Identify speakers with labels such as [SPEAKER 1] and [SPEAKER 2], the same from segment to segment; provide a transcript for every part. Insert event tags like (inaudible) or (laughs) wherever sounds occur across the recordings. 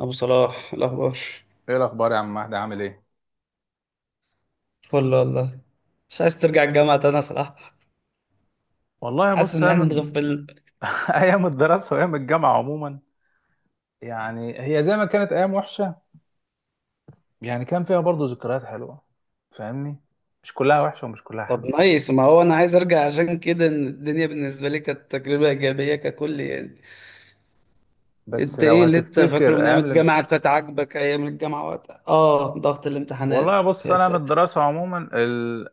[SPEAKER 1] أبو صلاح الأخبار.
[SPEAKER 2] ايه الاخبار يا عم مهدي عامل ايه؟
[SPEAKER 1] فل والله. مش عايز ترجع الجامعة تاني يا صلاح.
[SPEAKER 2] والله
[SPEAKER 1] حاسس
[SPEAKER 2] بص
[SPEAKER 1] إن إحنا
[SPEAKER 2] ايام.
[SPEAKER 1] اتغفلنا.
[SPEAKER 2] (laughs) ايام الدراسه وايام الجامعه عموما. يعني هي زي ما كانت ايام وحشه، يعني كان فيها برضو ذكريات حلوه. فاهمني؟ مش كلها وحشه ومش كلها
[SPEAKER 1] طب
[SPEAKER 2] حلوه.
[SPEAKER 1] نايس، ما هو أنا عايز أرجع عشان كده، إن الدنيا بالنسبة لي كانت تجربة إيجابية ككل يعني.
[SPEAKER 2] بس
[SPEAKER 1] أنت
[SPEAKER 2] لو
[SPEAKER 1] إيه اللي أنت فاكره
[SPEAKER 2] هتفتكر
[SPEAKER 1] من أيام
[SPEAKER 2] ايام الام...
[SPEAKER 1] الجامعة، كانت عاجبك أيام الجامعة وقتها؟ آه ضغط
[SPEAKER 2] والله
[SPEAKER 1] الامتحانات
[SPEAKER 2] بص
[SPEAKER 1] يا
[SPEAKER 2] انا من
[SPEAKER 1] ساتر.
[SPEAKER 2] الدراسه عموما ال...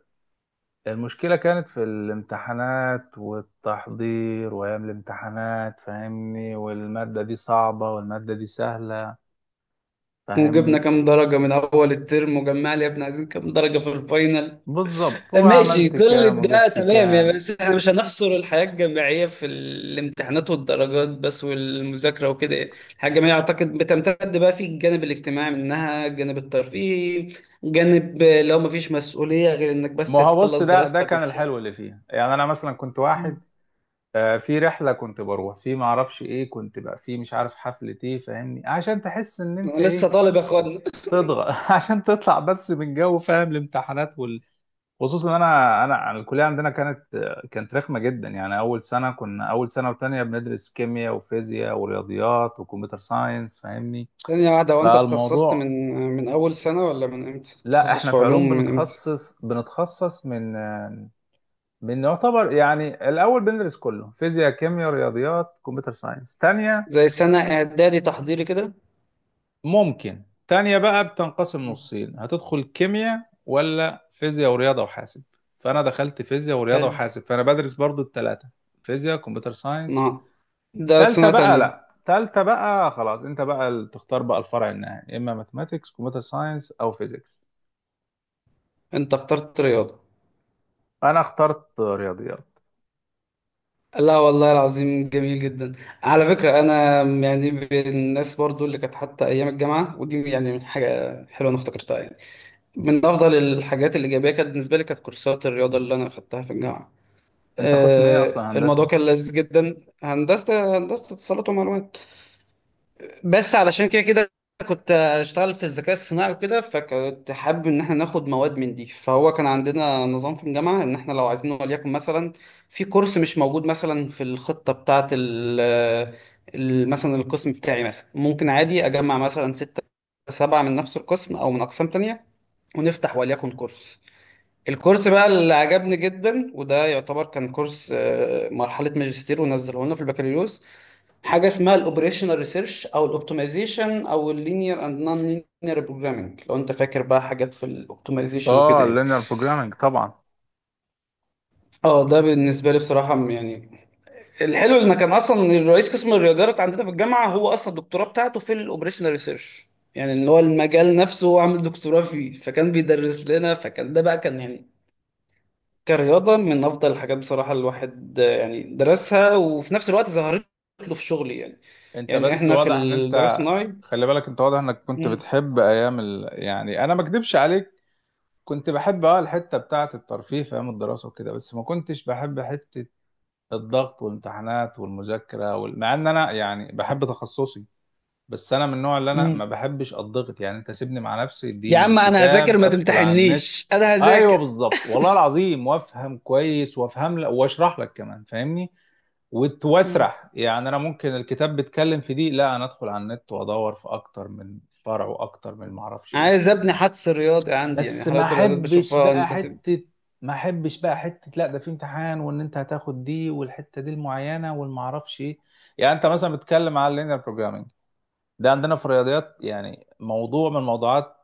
[SPEAKER 2] المشكله كانت في الامتحانات والتحضير وايام الامتحانات، فاهمني، والماده دي صعبه والماده دي سهله.
[SPEAKER 1] وجبنا
[SPEAKER 2] فاهمني؟
[SPEAKER 1] كام درجة من أول الترم وجمع لي يا ابني، عايزين كام درجة في الفاينل.
[SPEAKER 2] بالظبط، هو
[SPEAKER 1] ماشي
[SPEAKER 2] عملت
[SPEAKER 1] كل
[SPEAKER 2] كام
[SPEAKER 1] ده
[SPEAKER 2] وجبت
[SPEAKER 1] تمام يعني،
[SPEAKER 2] كام.
[SPEAKER 1] بس احنا مش هنحصر الحياة الجامعية في الامتحانات والدرجات بس والمذاكرة وكده يعني. الحياة الجامعية أعتقد بتمتد بقى في الجانب الاجتماعي منها، الجانب الترفيهي، جانب لو مفيش مسؤولية غير إنك بس
[SPEAKER 2] ما هو بص،
[SPEAKER 1] تخلص
[SPEAKER 2] ده
[SPEAKER 1] دراستك
[SPEAKER 2] كان
[SPEAKER 1] والشغل.
[SPEAKER 2] الحلو اللي فيها. يعني انا مثلا كنت واحد،
[SPEAKER 1] مم.
[SPEAKER 2] في رحله كنت بروح في ما اعرفش ايه، كنت بقى في مش عارف حفله ايه، فاهمني، عشان تحس ان انت
[SPEAKER 1] أنا لسه
[SPEAKER 2] ايه
[SPEAKER 1] طالب يا أخوانا.
[SPEAKER 2] تضغط. (laughs) عشان تطلع بس من جو فاهم الامتحانات وال... خصوصا إن انا انا أنا الكليه عندنا كانت، كانت رخمه جدا. يعني اول سنه وتانية بندرس كيمياء وفيزياء ورياضيات وكمبيوتر ساينس، فاهمني،
[SPEAKER 1] ثانية واحدة، وأنت اتخصصت من
[SPEAKER 2] فالموضوع...
[SPEAKER 1] من أول سنة ولا من إمتى؟
[SPEAKER 2] لا،
[SPEAKER 1] تخصص
[SPEAKER 2] احنا
[SPEAKER 1] في
[SPEAKER 2] في
[SPEAKER 1] علوم
[SPEAKER 2] علوم
[SPEAKER 1] من إمتى؟
[SPEAKER 2] بنتخصص، من بنعتبر يعني الأول بندرس كله فيزياء كيمياء رياضيات كمبيوتر ساينس. تانية
[SPEAKER 1] زي سنة إعدادي تحضيري كده.
[SPEAKER 2] ممكن تانية بقى بتنقسم
[SPEAKER 1] مم.
[SPEAKER 2] نصين، هتدخل كيمياء ولا فيزياء ورياضة وحاسب. فأنا دخلت فيزياء ورياضة
[SPEAKER 1] حلو.
[SPEAKER 2] وحاسب، فأنا بدرس برضو التلاتة، فيزياء كمبيوتر ساينس.
[SPEAKER 1] نعم. ده
[SPEAKER 2] تالتة
[SPEAKER 1] سنة
[SPEAKER 2] بقى،
[SPEAKER 1] تانية.
[SPEAKER 2] لأ، تالتة بقى خلاص أنت بقى اللي تختار بقى الفرع النهائي، إما ماثماتيكس كمبيوتر ساينس أو فيزيكس.
[SPEAKER 1] أنت اخترت رياضة.
[SPEAKER 2] أنا اخترت رياضيات.
[SPEAKER 1] لا والله العظيم جميل جدا. على فكرة أنا يعني من الناس برضو اللي كانت حتى أيام الجامعة، ودي يعني من حاجة حلوة أنا افتكرتها يعني. من أفضل الحاجات الإيجابية كانت بالنسبة لي كانت كورسات الرياضة اللي أنا أخدتها في الجامعة.
[SPEAKER 2] أنت قسم إيه أصلا،
[SPEAKER 1] الموضوع
[SPEAKER 2] هندسة؟
[SPEAKER 1] كان لذيذ جدا. هندسة، هندسة اتصالات ومعلومات. بس علشان كده كده كنت اشتغل في الذكاء الصناعي وكده، فكنت حابب ان احنا ناخد مواد من دي. فهو كان عندنا نظام في الجامعه، ان احنا لو عايزين وليكن مثلا في كورس مش موجود مثلا في الخطه بتاعه مثلا القسم بتاعي مثلا ممكن عادي اجمع مثلا ستة سبعة من نفس القسم او من اقسام تانية، ونفتح وليكن كورس. الكورس بقى اللي عجبني جدا وده يعتبر كان كورس، مرحله ماجستير ونزله لنا في البكالوريوس. حاجه اسمها الاوبريشنال ريسيرش او الاوبتمايزيشن او اللينير اند نون لينير بروجرامنج، لو انت فاكر بقى حاجات في الاوبتمايزيشن
[SPEAKER 2] آه،
[SPEAKER 1] وكده يعني.
[SPEAKER 2] اللينير بروجرامينج طبعا.
[SPEAKER 1] اه ده بالنسبه لي بصراحه يعني الحلو ان كان اصلا الرئيس قسم الرياضيات عندنا في الجامعه هو اصلا الدكتوراه بتاعته في الاوبريشنال ريسيرش. يعني اللي هو المجال نفسه هو عامل دكتوراه فيه، فكان بيدرس لنا، فكان ده بقى كان يعني كرياضه من افضل الحاجات بصراحه الواحد، يعني درسها وفي نفس الوقت ظهرت له في شغلي يعني.
[SPEAKER 2] انت
[SPEAKER 1] يعني
[SPEAKER 2] بس
[SPEAKER 1] احنا في
[SPEAKER 2] واضح ان
[SPEAKER 1] الذكاء
[SPEAKER 2] انت...
[SPEAKER 1] الصناعي.
[SPEAKER 2] خلي بالك، انت واضح انك كنت
[SPEAKER 1] مم.
[SPEAKER 2] بتحب ايام ال... يعني انا ما اكدبش عليك، كنت بحب اه الحته بتاعه الترفيه في ايام الدراسه وكده، بس ما كنتش بحب حته الضغط والامتحانات والمذاكره وال... مع ان انا يعني بحب تخصصي. بس انا من النوع اللي انا
[SPEAKER 1] مم.
[SPEAKER 2] ما بحبش الضغط، يعني انت سيبني مع نفسي،
[SPEAKER 1] يا
[SPEAKER 2] اديني
[SPEAKER 1] عم انا هذاكر
[SPEAKER 2] كتاب،
[SPEAKER 1] ما
[SPEAKER 2] ادخل على النت.
[SPEAKER 1] تمتحنيش انا
[SPEAKER 2] ايوه
[SPEAKER 1] هذاكر.
[SPEAKER 2] بالظبط، والله العظيم، وافهم كويس وافهم لك واشرح لك كمان، فاهمني،
[SPEAKER 1] مم.
[SPEAKER 2] واسرح. يعني انا ممكن الكتاب بيتكلم في دي، لا انا ادخل على النت وادور في اكتر من فرع واكتر من معرفش
[SPEAKER 1] عايز
[SPEAKER 2] ايه.
[SPEAKER 1] ابني حدس رياضي عندي يعني،
[SPEAKER 2] بس ما
[SPEAKER 1] حلاوه الرياضات
[SPEAKER 2] احبش
[SPEAKER 1] بشوفها
[SPEAKER 2] بقى
[SPEAKER 1] انت تب...
[SPEAKER 2] حته، ما احبش بقى حته، لا ده في امتحان وان انت هتاخد دي والحته دي المعينه والمعرفش ايه. يعني انت مثلا بتتكلم على اللينير بروجرامينج، ده عندنا في الرياضيات يعني موضوع من الموضوعات.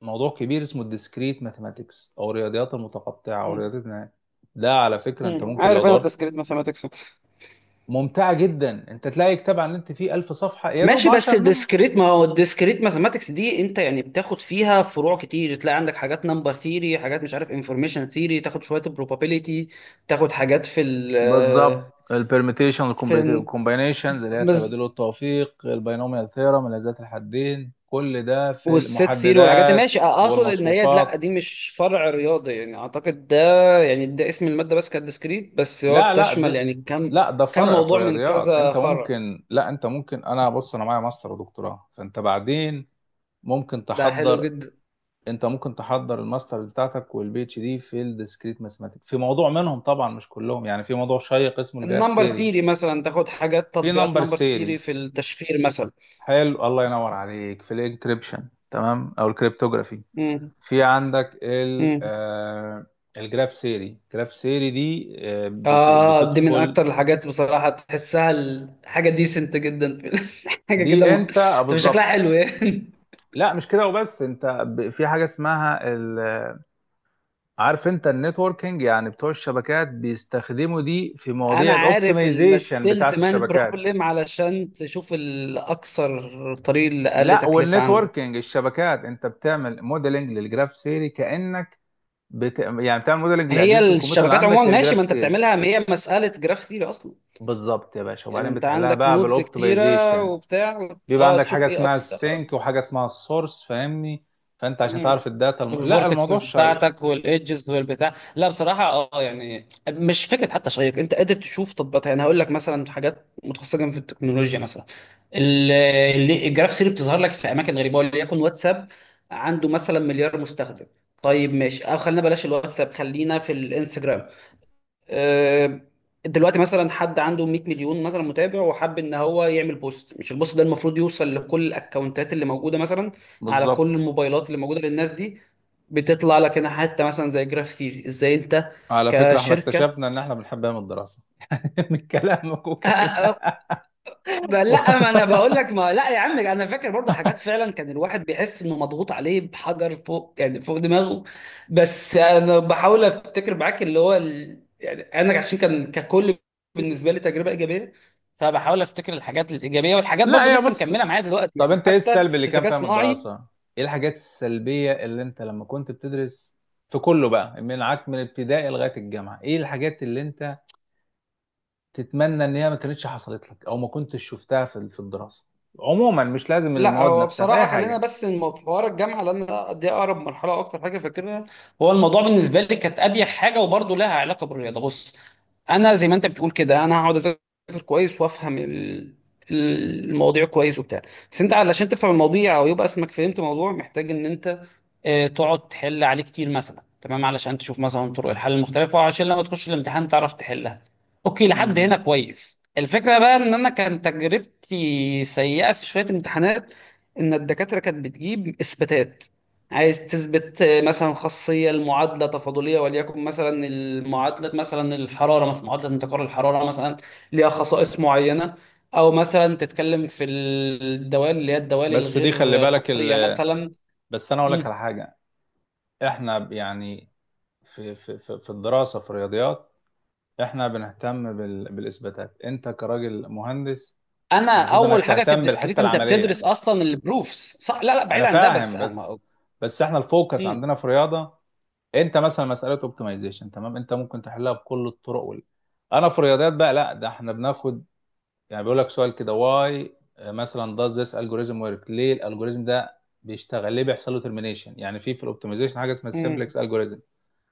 [SPEAKER 2] موضوع كبير اسمه الديسكريت ماثيماتكس او الرياضيات المتقطعه او
[SPEAKER 1] مم.
[SPEAKER 2] رياضيات النهاية. ده على فكره
[SPEAKER 1] مم.
[SPEAKER 2] انت ممكن
[SPEAKER 1] عارف
[SPEAKER 2] لو
[SPEAKER 1] انا
[SPEAKER 2] دورت،
[SPEAKER 1] الديسكريت ماثematics.
[SPEAKER 2] ممتعة جدا، انت تلاقي كتاب عن اللي انت فيه 1000 صفحة يا دوب
[SPEAKER 1] ماشي بس
[SPEAKER 2] 10 منهم.
[SPEAKER 1] الديسكريت، ما هو الديسكريت ماثematics دي انت يعني بتاخد فيها فروع كتير، تلاقي عندك حاجات نمبر ثيري، حاجات مش عارف انفورميشن ثيري، تاخد شويه probability، تاخد حاجات في
[SPEAKER 2] بالظبط،
[SPEAKER 1] ال
[SPEAKER 2] البرميتيشن
[SPEAKER 1] في
[SPEAKER 2] الكومبينيشنز اللي هي التبادل والتوفيق، البينوميال ثيرم الذات الحدين، كل ده في
[SPEAKER 1] والست ثيري والحاجات دي،
[SPEAKER 2] المحددات
[SPEAKER 1] ماشي اقصد ان هي لا
[SPEAKER 2] والمصفوفات.
[SPEAKER 1] دي مش فرع رياضي يعني اعتقد ده يعني ده اسم الماده بس كانت ديسكريت، بس هو
[SPEAKER 2] لا لا
[SPEAKER 1] بتشمل
[SPEAKER 2] دي
[SPEAKER 1] يعني كم،
[SPEAKER 2] لا ده
[SPEAKER 1] كم
[SPEAKER 2] فرع في
[SPEAKER 1] موضوع من
[SPEAKER 2] الرياضيات.
[SPEAKER 1] كذا
[SPEAKER 2] انت
[SPEAKER 1] فرع.
[SPEAKER 2] ممكن، لا انت ممكن، انا بص، انا معايا ماستر ودكتوراه، فانت بعدين ممكن
[SPEAKER 1] ده حلو
[SPEAKER 2] تحضر.
[SPEAKER 1] جدا.
[SPEAKER 2] انت ممكن تحضر الماستر بتاعتك والبي اتش دي في الديسكريت ماثماتيك في موضوع منهم، طبعا مش كلهم. يعني في موضوع شيق اسمه الجراف
[SPEAKER 1] النمبر
[SPEAKER 2] سيري،
[SPEAKER 1] ثيري مثلا تاخد حاجات
[SPEAKER 2] في
[SPEAKER 1] تطبيقات
[SPEAKER 2] نمبر
[SPEAKER 1] نمبر
[SPEAKER 2] سيري.
[SPEAKER 1] ثيري في التشفير مثلا.
[SPEAKER 2] حلو، الله ينور عليك، في الانكريبشن تمام او الكريبتوغرافي.
[SPEAKER 1] امم.
[SPEAKER 2] في عندك ال
[SPEAKER 1] امم.
[SPEAKER 2] آه، الجراف سيري. الجراف سيري دي آه بت
[SPEAKER 1] اه دي من
[SPEAKER 2] بتدخل.
[SPEAKER 1] اكتر الحاجات بصراحه تحسها الحاجه ديسنت جدا (laughs) في حاجه كده
[SPEAKER 2] دي
[SPEAKER 1] م...
[SPEAKER 2] انت،
[SPEAKER 1] تبقى شكلها
[SPEAKER 2] بالظبط.
[SPEAKER 1] حلو يعني.
[SPEAKER 2] لا مش كده وبس، انت في حاجه اسمها... عارف انت النتوركينج، يعني بتوع الشبكات بيستخدموا دي في
[SPEAKER 1] انا
[SPEAKER 2] مواضيع
[SPEAKER 1] عارف
[SPEAKER 2] الاوبتمايزيشن
[SPEAKER 1] المسيلز
[SPEAKER 2] بتاعت
[SPEAKER 1] مان
[SPEAKER 2] الشبكات.
[SPEAKER 1] بروبلم علشان تشوف الاكثر طريق اللي اقل
[SPEAKER 2] لا
[SPEAKER 1] تكلفه عندك.
[SPEAKER 2] والنتوركينج الشبكات، انت بتعمل موديلنج للجراف سيري كانك يعني بتعمل موديلنج لاجهزه
[SPEAKER 1] هي
[SPEAKER 2] الكمبيوتر اللي
[SPEAKER 1] الشبكات عموما
[SPEAKER 2] عندك
[SPEAKER 1] ماشي،
[SPEAKER 2] للجراف
[SPEAKER 1] ما انت
[SPEAKER 2] سيري.
[SPEAKER 1] بتعملها ما هي مساله جراف ثيري اصلا.
[SPEAKER 2] بالظبط يا باشا،
[SPEAKER 1] يعني
[SPEAKER 2] وبعدين
[SPEAKER 1] انت
[SPEAKER 2] بتحلها
[SPEAKER 1] عندك
[SPEAKER 2] بقى
[SPEAKER 1] نودز كتيره
[SPEAKER 2] بالاوبتمايزيشن.
[SPEAKER 1] وبتاع
[SPEAKER 2] بيبقى
[SPEAKER 1] اه
[SPEAKER 2] عندك حاجه
[SPEAKER 1] تشوف ايه
[SPEAKER 2] اسمها
[SPEAKER 1] اكثر.
[SPEAKER 2] السينك وحاجه اسمها السورس، فاهمني، فانت عشان
[SPEAKER 1] مم.
[SPEAKER 2] تعرف الداتا الم... لا الموضوع
[SPEAKER 1] الفورتكسز
[SPEAKER 2] شيق.
[SPEAKER 1] بتاعتك والايدجز والبتاع، لا بصراحه اه يعني مش فكره حتى شيق، انت قادر تشوف تطبيقات يعني. هقول لك مثلا حاجات متخصصه جدا في التكنولوجيا مثلا، ال- الجراف سيري بتظهر لك في اماكن غريبه، وليكن واتساب عنده مثلا مليار مستخدم. طيب ماشي، او خلينا بلاش الواتساب، خلينا في الانستجرام. آه، دلوقتي مثلا حد عنده 100 مليون مثلا متابع، وحب ان هو يعمل بوست. مش البوست ده المفروض يوصل لكل الاكونتات اللي موجوده مثلا، على كل
[SPEAKER 2] بالظبط.
[SPEAKER 1] الموبايلات اللي موجوده للناس دي. بتطلع لك هنا حته مثلا زي جراف ثيري، ازاي انت
[SPEAKER 2] على فكره احنا
[SPEAKER 1] كشركه.
[SPEAKER 2] اكتشفنا ان احنا بنحب ايام الدراسه (laughs) من كلامك وكلام.
[SPEAKER 1] (laughs)
[SPEAKER 2] (laughs)
[SPEAKER 1] لا ما انا بقول
[SPEAKER 2] والله.
[SPEAKER 1] لك ما لا يا عم انا فاكر برضه حاجات، فعلا كان الواحد بيحس انه مضغوط عليه بحجر فوق يعني فوق دماغه. بس انا بحاول افتكر معاك اللي هو ال... يعني انا عشان كان ككل بالنسبه لي تجربه ايجابيه، فبحاول افتكر الحاجات الايجابيه والحاجات برضه
[SPEAKER 2] لا يا
[SPEAKER 1] لسه
[SPEAKER 2] بص،
[SPEAKER 1] مكمله معايا دلوقتي
[SPEAKER 2] طب
[SPEAKER 1] يعني
[SPEAKER 2] انت ايه
[SPEAKER 1] حتى
[SPEAKER 2] السلبي
[SPEAKER 1] في
[SPEAKER 2] اللي كان
[SPEAKER 1] الذكاء
[SPEAKER 2] فيها من
[SPEAKER 1] الصناعي.
[SPEAKER 2] الدراسة؟ ايه الحاجات السلبية اللي انت لما كنت بتدرس في كله بقى من عك من ابتدائي لغاية الجامعة، ايه الحاجات اللي انت تتمنى ان هي ما كانتش حصلت لك او ما كنتش شفتها في في الدراسة عموما، مش لازم
[SPEAKER 1] لا
[SPEAKER 2] المواد
[SPEAKER 1] هو
[SPEAKER 2] نفسها، في
[SPEAKER 1] بصراحة
[SPEAKER 2] اي
[SPEAKER 1] خلينا
[SPEAKER 2] حاجة.
[SPEAKER 1] بس في حوار الجامعة، لأن دي أقرب مرحلة أكتر حاجة فاكرها. هو الموضوع بالنسبة لي كانت أريح حاجة، وبرضه لها علاقة بالرياضة. بص أنا زي ما أنت بتقول كده، أنا هقعد أذاكر كويس وأفهم المواضيع كويس وبتاع. بس أنت علشان تفهم المواضيع أو يبقى اسمك فهمت موضوع، محتاج إن أنت، تقعد تحل عليه كتير مثلا، تمام، علشان تشوف مثلا طرق الحل المختلفه، وعشان لما تخش الامتحان تعرف تحلها. اوكي لحد
[SPEAKER 2] امم،
[SPEAKER 1] هنا كويس. الفكره بقى ان انا كان تجربتي سيئه في شويه امتحانات، ان الدكاتره كانت بتجيب اثباتات. عايز تثبت، مثلا خاصيه المعادله تفاضليه، وليكن مثلا المعادله مثلا الحراره، مثلا معادله انتقال الحراره مثلا ليها خصائص معينه. او مثلا تتكلم في الدوال اللي هي الدوال
[SPEAKER 2] بس دي خلي
[SPEAKER 1] الغير
[SPEAKER 2] بالك
[SPEAKER 1] خطيه
[SPEAKER 2] ال...
[SPEAKER 1] مثلا.
[SPEAKER 2] بس انا اقول لك على حاجه، احنا يعني، في الدراسه في الرياضيات احنا بنهتم بال... بالاثباتات. انت كراجل مهندس
[SPEAKER 1] انا
[SPEAKER 2] المفروض انك
[SPEAKER 1] اول حاجه في
[SPEAKER 2] تهتم
[SPEAKER 1] الديسكريت
[SPEAKER 2] بالحته
[SPEAKER 1] انت بتدرس
[SPEAKER 2] العمليه.
[SPEAKER 1] اصلا البروفس صح، لا لا بعيد
[SPEAKER 2] انا
[SPEAKER 1] عن ده بس
[SPEAKER 2] فاهم
[SPEAKER 1] انا.
[SPEAKER 2] بس، بس احنا الفوكس
[SPEAKER 1] امم.
[SPEAKER 2] عندنا في رياضه، انت مثلا مساله اوبتمايزيشن تمام انت ممكن تحلها بكل الطرق وال... انا في رياضيات بقى لا ده احنا بناخد، يعني بيقول لك سؤال كده، واي مثلا does this algorithm work، ليه الالجوريزم ده بيشتغل، ليه بيحصل له termination. يعني في الاوبتمايزيشن حاجه اسمها
[SPEAKER 1] امم.
[SPEAKER 2] السمبلكس الجوريزم.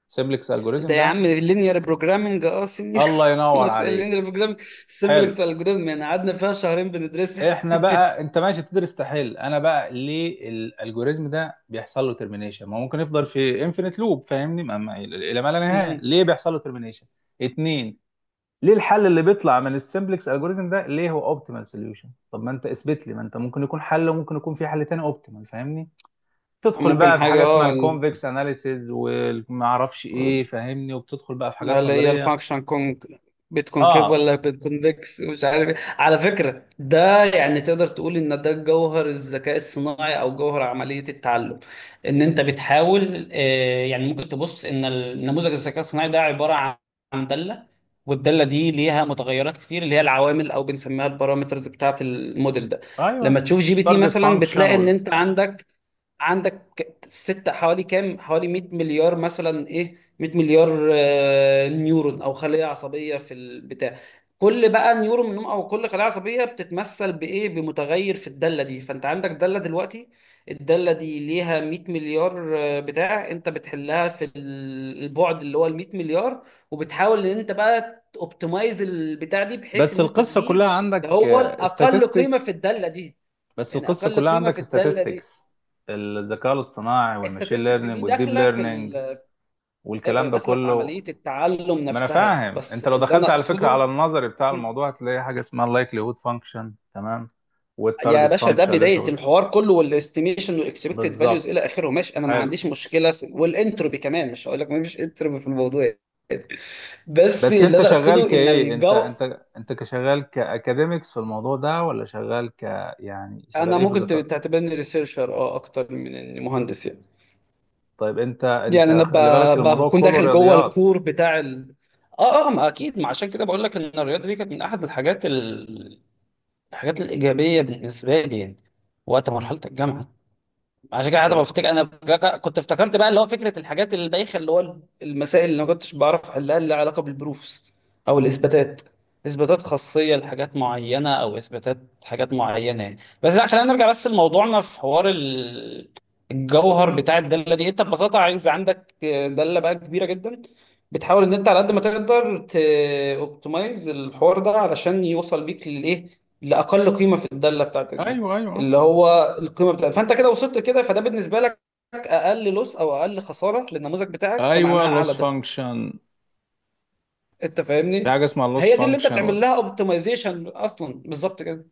[SPEAKER 2] السمبلكس
[SPEAKER 1] ده
[SPEAKER 2] الجوريزم
[SPEAKER 1] يا
[SPEAKER 2] ده
[SPEAKER 1] عم اللينير بروجرامنج اه سينيور.
[SPEAKER 2] الله
[SPEAKER 1] (laughs)
[SPEAKER 2] ينور
[SPEAKER 1] مسألة
[SPEAKER 2] عليك،
[SPEAKER 1] اللينير بروجرامنج سمبلكس
[SPEAKER 2] حلو.
[SPEAKER 1] الجوريزم يعني قعدنا فيها شهرين بندرسها.
[SPEAKER 2] احنا بقى انت ماشي بتدرس تحل، انا بقى ليه الالجوريزم ده بيحصل له ترمينيشن؟ ما هو ممكن يفضل في انفينيت لوب، فاهمني، ما الى ما لا نهايه،
[SPEAKER 1] مم.
[SPEAKER 2] ليه بيحصل له ترمينيشن؟ اتنين، ليه الحل اللي بيطلع من السمبلكس الجوريزم ده ليه هو اوبتيمال سوليوشن؟ طب ما انت اثبت لي، ما انت ممكن يكون حل وممكن يكون في حل تاني اوبتيمال، فاهمني. تدخل
[SPEAKER 1] ممكن
[SPEAKER 2] بقى في
[SPEAKER 1] حاجه
[SPEAKER 2] حاجه اسمها
[SPEAKER 1] اه
[SPEAKER 2] الكونفكس اناليسيز وما اعرفش ايه، فاهمني، وبتدخل بقى في حاجات
[SPEAKER 1] اللي هي
[SPEAKER 2] نظريه.
[SPEAKER 1] الفانكشن كون، بتكونكيف
[SPEAKER 2] اه
[SPEAKER 1] ولا بتكونفكس مش عارف إيه. على فكرة ده يعني تقدر تقول ان ده جوهر الذكاء الصناعي او جوهر عملية التعلم، ان انت بتحاول، يعني ممكن تبص ان النموذج الذكاء الصناعي ده عبارة عن دالة، والدالة دي ليها متغيرات كتير اللي هي العوامل او بنسميها البارامترز بتاعة الموديل ده. لما
[SPEAKER 2] ايوه،
[SPEAKER 1] تشوف جي بي تي
[SPEAKER 2] تارجت
[SPEAKER 1] مثلا
[SPEAKER 2] فانكشن.
[SPEAKER 1] بتلاقي ان انت عندك ست حوالي كام حوالي 100 مليار مثلا، ايه 100 مليار، نيورون او خلية عصبية في البتاع. كل بقى نيورون منهم او كل خلية عصبية بتتمثل بايه، بمتغير في الدالة دي. فانت عندك دالة دلوقتي، الدالة دي ليها 100 مليار، بتاع انت بتحلها في البعد اللي هو ال 100 مليار. وبتحاول ان انت بقى اوبتمايز البتاع دي، بحيث
[SPEAKER 2] بس
[SPEAKER 1] ان انت
[SPEAKER 2] القصة
[SPEAKER 1] تجيب
[SPEAKER 2] كلها
[SPEAKER 1] اللي
[SPEAKER 2] عندك
[SPEAKER 1] هو الاقل قيمة في
[SPEAKER 2] statistics
[SPEAKER 1] الدالة دي،
[SPEAKER 2] بس
[SPEAKER 1] يعني
[SPEAKER 2] القصة
[SPEAKER 1] اقل
[SPEAKER 2] كلها
[SPEAKER 1] قيمة
[SPEAKER 2] عندك
[SPEAKER 1] في الدالة دي.
[SPEAKER 2] statistics، الذكاء الاصطناعي والماشين
[SPEAKER 1] statistics دي
[SPEAKER 2] ليرنينج والديب
[SPEAKER 1] داخله في
[SPEAKER 2] ليرنينج
[SPEAKER 1] ال... أيوة، أيوة،
[SPEAKER 2] والكلام ده
[SPEAKER 1] داخله في
[SPEAKER 2] كله.
[SPEAKER 1] عمليه التعلم
[SPEAKER 2] ما انا
[SPEAKER 1] نفسها،
[SPEAKER 2] فاهم،
[SPEAKER 1] بس
[SPEAKER 2] انت لو
[SPEAKER 1] اللي انا
[SPEAKER 2] دخلت على فكرة
[SPEAKER 1] اقصده،
[SPEAKER 2] على النظري بتاع الموضوع هتلاقي حاجة اسمها likelihood function تمام،
[SPEAKER 1] يا
[SPEAKER 2] والتارجت
[SPEAKER 1] باشا ده
[SPEAKER 2] function اللي انت
[SPEAKER 1] بدايه
[SPEAKER 2] قلت-
[SPEAKER 1] الحوار كله، والاستيميشن والاكسبكتد فاليوز
[SPEAKER 2] بالظبط.
[SPEAKER 1] الى اخره ماشي، انا ما
[SPEAKER 2] حلو.
[SPEAKER 1] عنديش مشكله في، والانتروبي كمان مش هقول لك ما فيش انتروبي في الموضوع. بس
[SPEAKER 2] بس
[SPEAKER 1] اللي
[SPEAKER 2] انت
[SPEAKER 1] انا
[SPEAKER 2] شغال
[SPEAKER 1] اقصده ان
[SPEAKER 2] كايه،
[SPEAKER 1] الجو.
[SPEAKER 2] انت كشغال كاكاديميكس في الموضوع ده ولا شغال ك... يعني شغال
[SPEAKER 1] انا
[SPEAKER 2] ايه في
[SPEAKER 1] ممكن
[SPEAKER 2] الذكاء؟
[SPEAKER 1] تعتبرني ريسيرشر اه اكتر من إني مهندس يعني.
[SPEAKER 2] طيب انت
[SPEAKER 1] يعني
[SPEAKER 2] انت
[SPEAKER 1] انا
[SPEAKER 2] خلي بالك الموضوع
[SPEAKER 1] بكون
[SPEAKER 2] كله
[SPEAKER 1] داخل جوه
[SPEAKER 2] رياضيات.
[SPEAKER 1] الكور بتاع ال... اه اه ما اكيد، ما عشان كده بقول لك ان الرياضه دي كانت من احد الحاجات الحاجات الإيجابية بالنسبة لي يعني، وقت مرحلة الجامعة. عشان كده حتى
[SPEAKER 2] طب
[SPEAKER 1] بفتكر انا كنت افتكرت بقى اللي هو فكره الحاجات البايخه، اللي هو المسائل اللي ما كنتش بعرف احلها اللي لها علاقه بالبروفس، او الاثباتات، اثباتات خاصيه لحاجات معينه او اثباتات حاجات معينه يعني. بس لا خلينا نرجع بس لموضوعنا في حوار الجوهر بتاع الداله دي. انت ببساطه عايز عندك داله بقى كبيره جدا، بتحاول ان انت على قد ما تقدر اوبتمايز الحوار ده علشان يوصل بيك للايه، لاقل قيمه في الداله بتاعتك دي
[SPEAKER 2] ايوه
[SPEAKER 1] اللي
[SPEAKER 2] ايوه،
[SPEAKER 1] هو القيمه بتاعتك، فانت كده وصلت كده، فده بالنسبه لك اقل لوس او اقل خساره للنموذج بتاعك فمعناها
[SPEAKER 2] ايوه
[SPEAKER 1] اعلى
[SPEAKER 2] لوس
[SPEAKER 1] دقه.
[SPEAKER 2] فانكشن.
[SPEAKER 1] انت
[SPEAKER 2] في
[SPEAKER 1] فاهمني.
[SPEAKER 2] حاجه اسمها لوس
[SPEAKER 1] هي دي اللي انت بتعمل
[SPEAKER 2] فانكشن.
[SPEAKER 1] لها اوبتمايزيشن اصلا، بالظبط كده.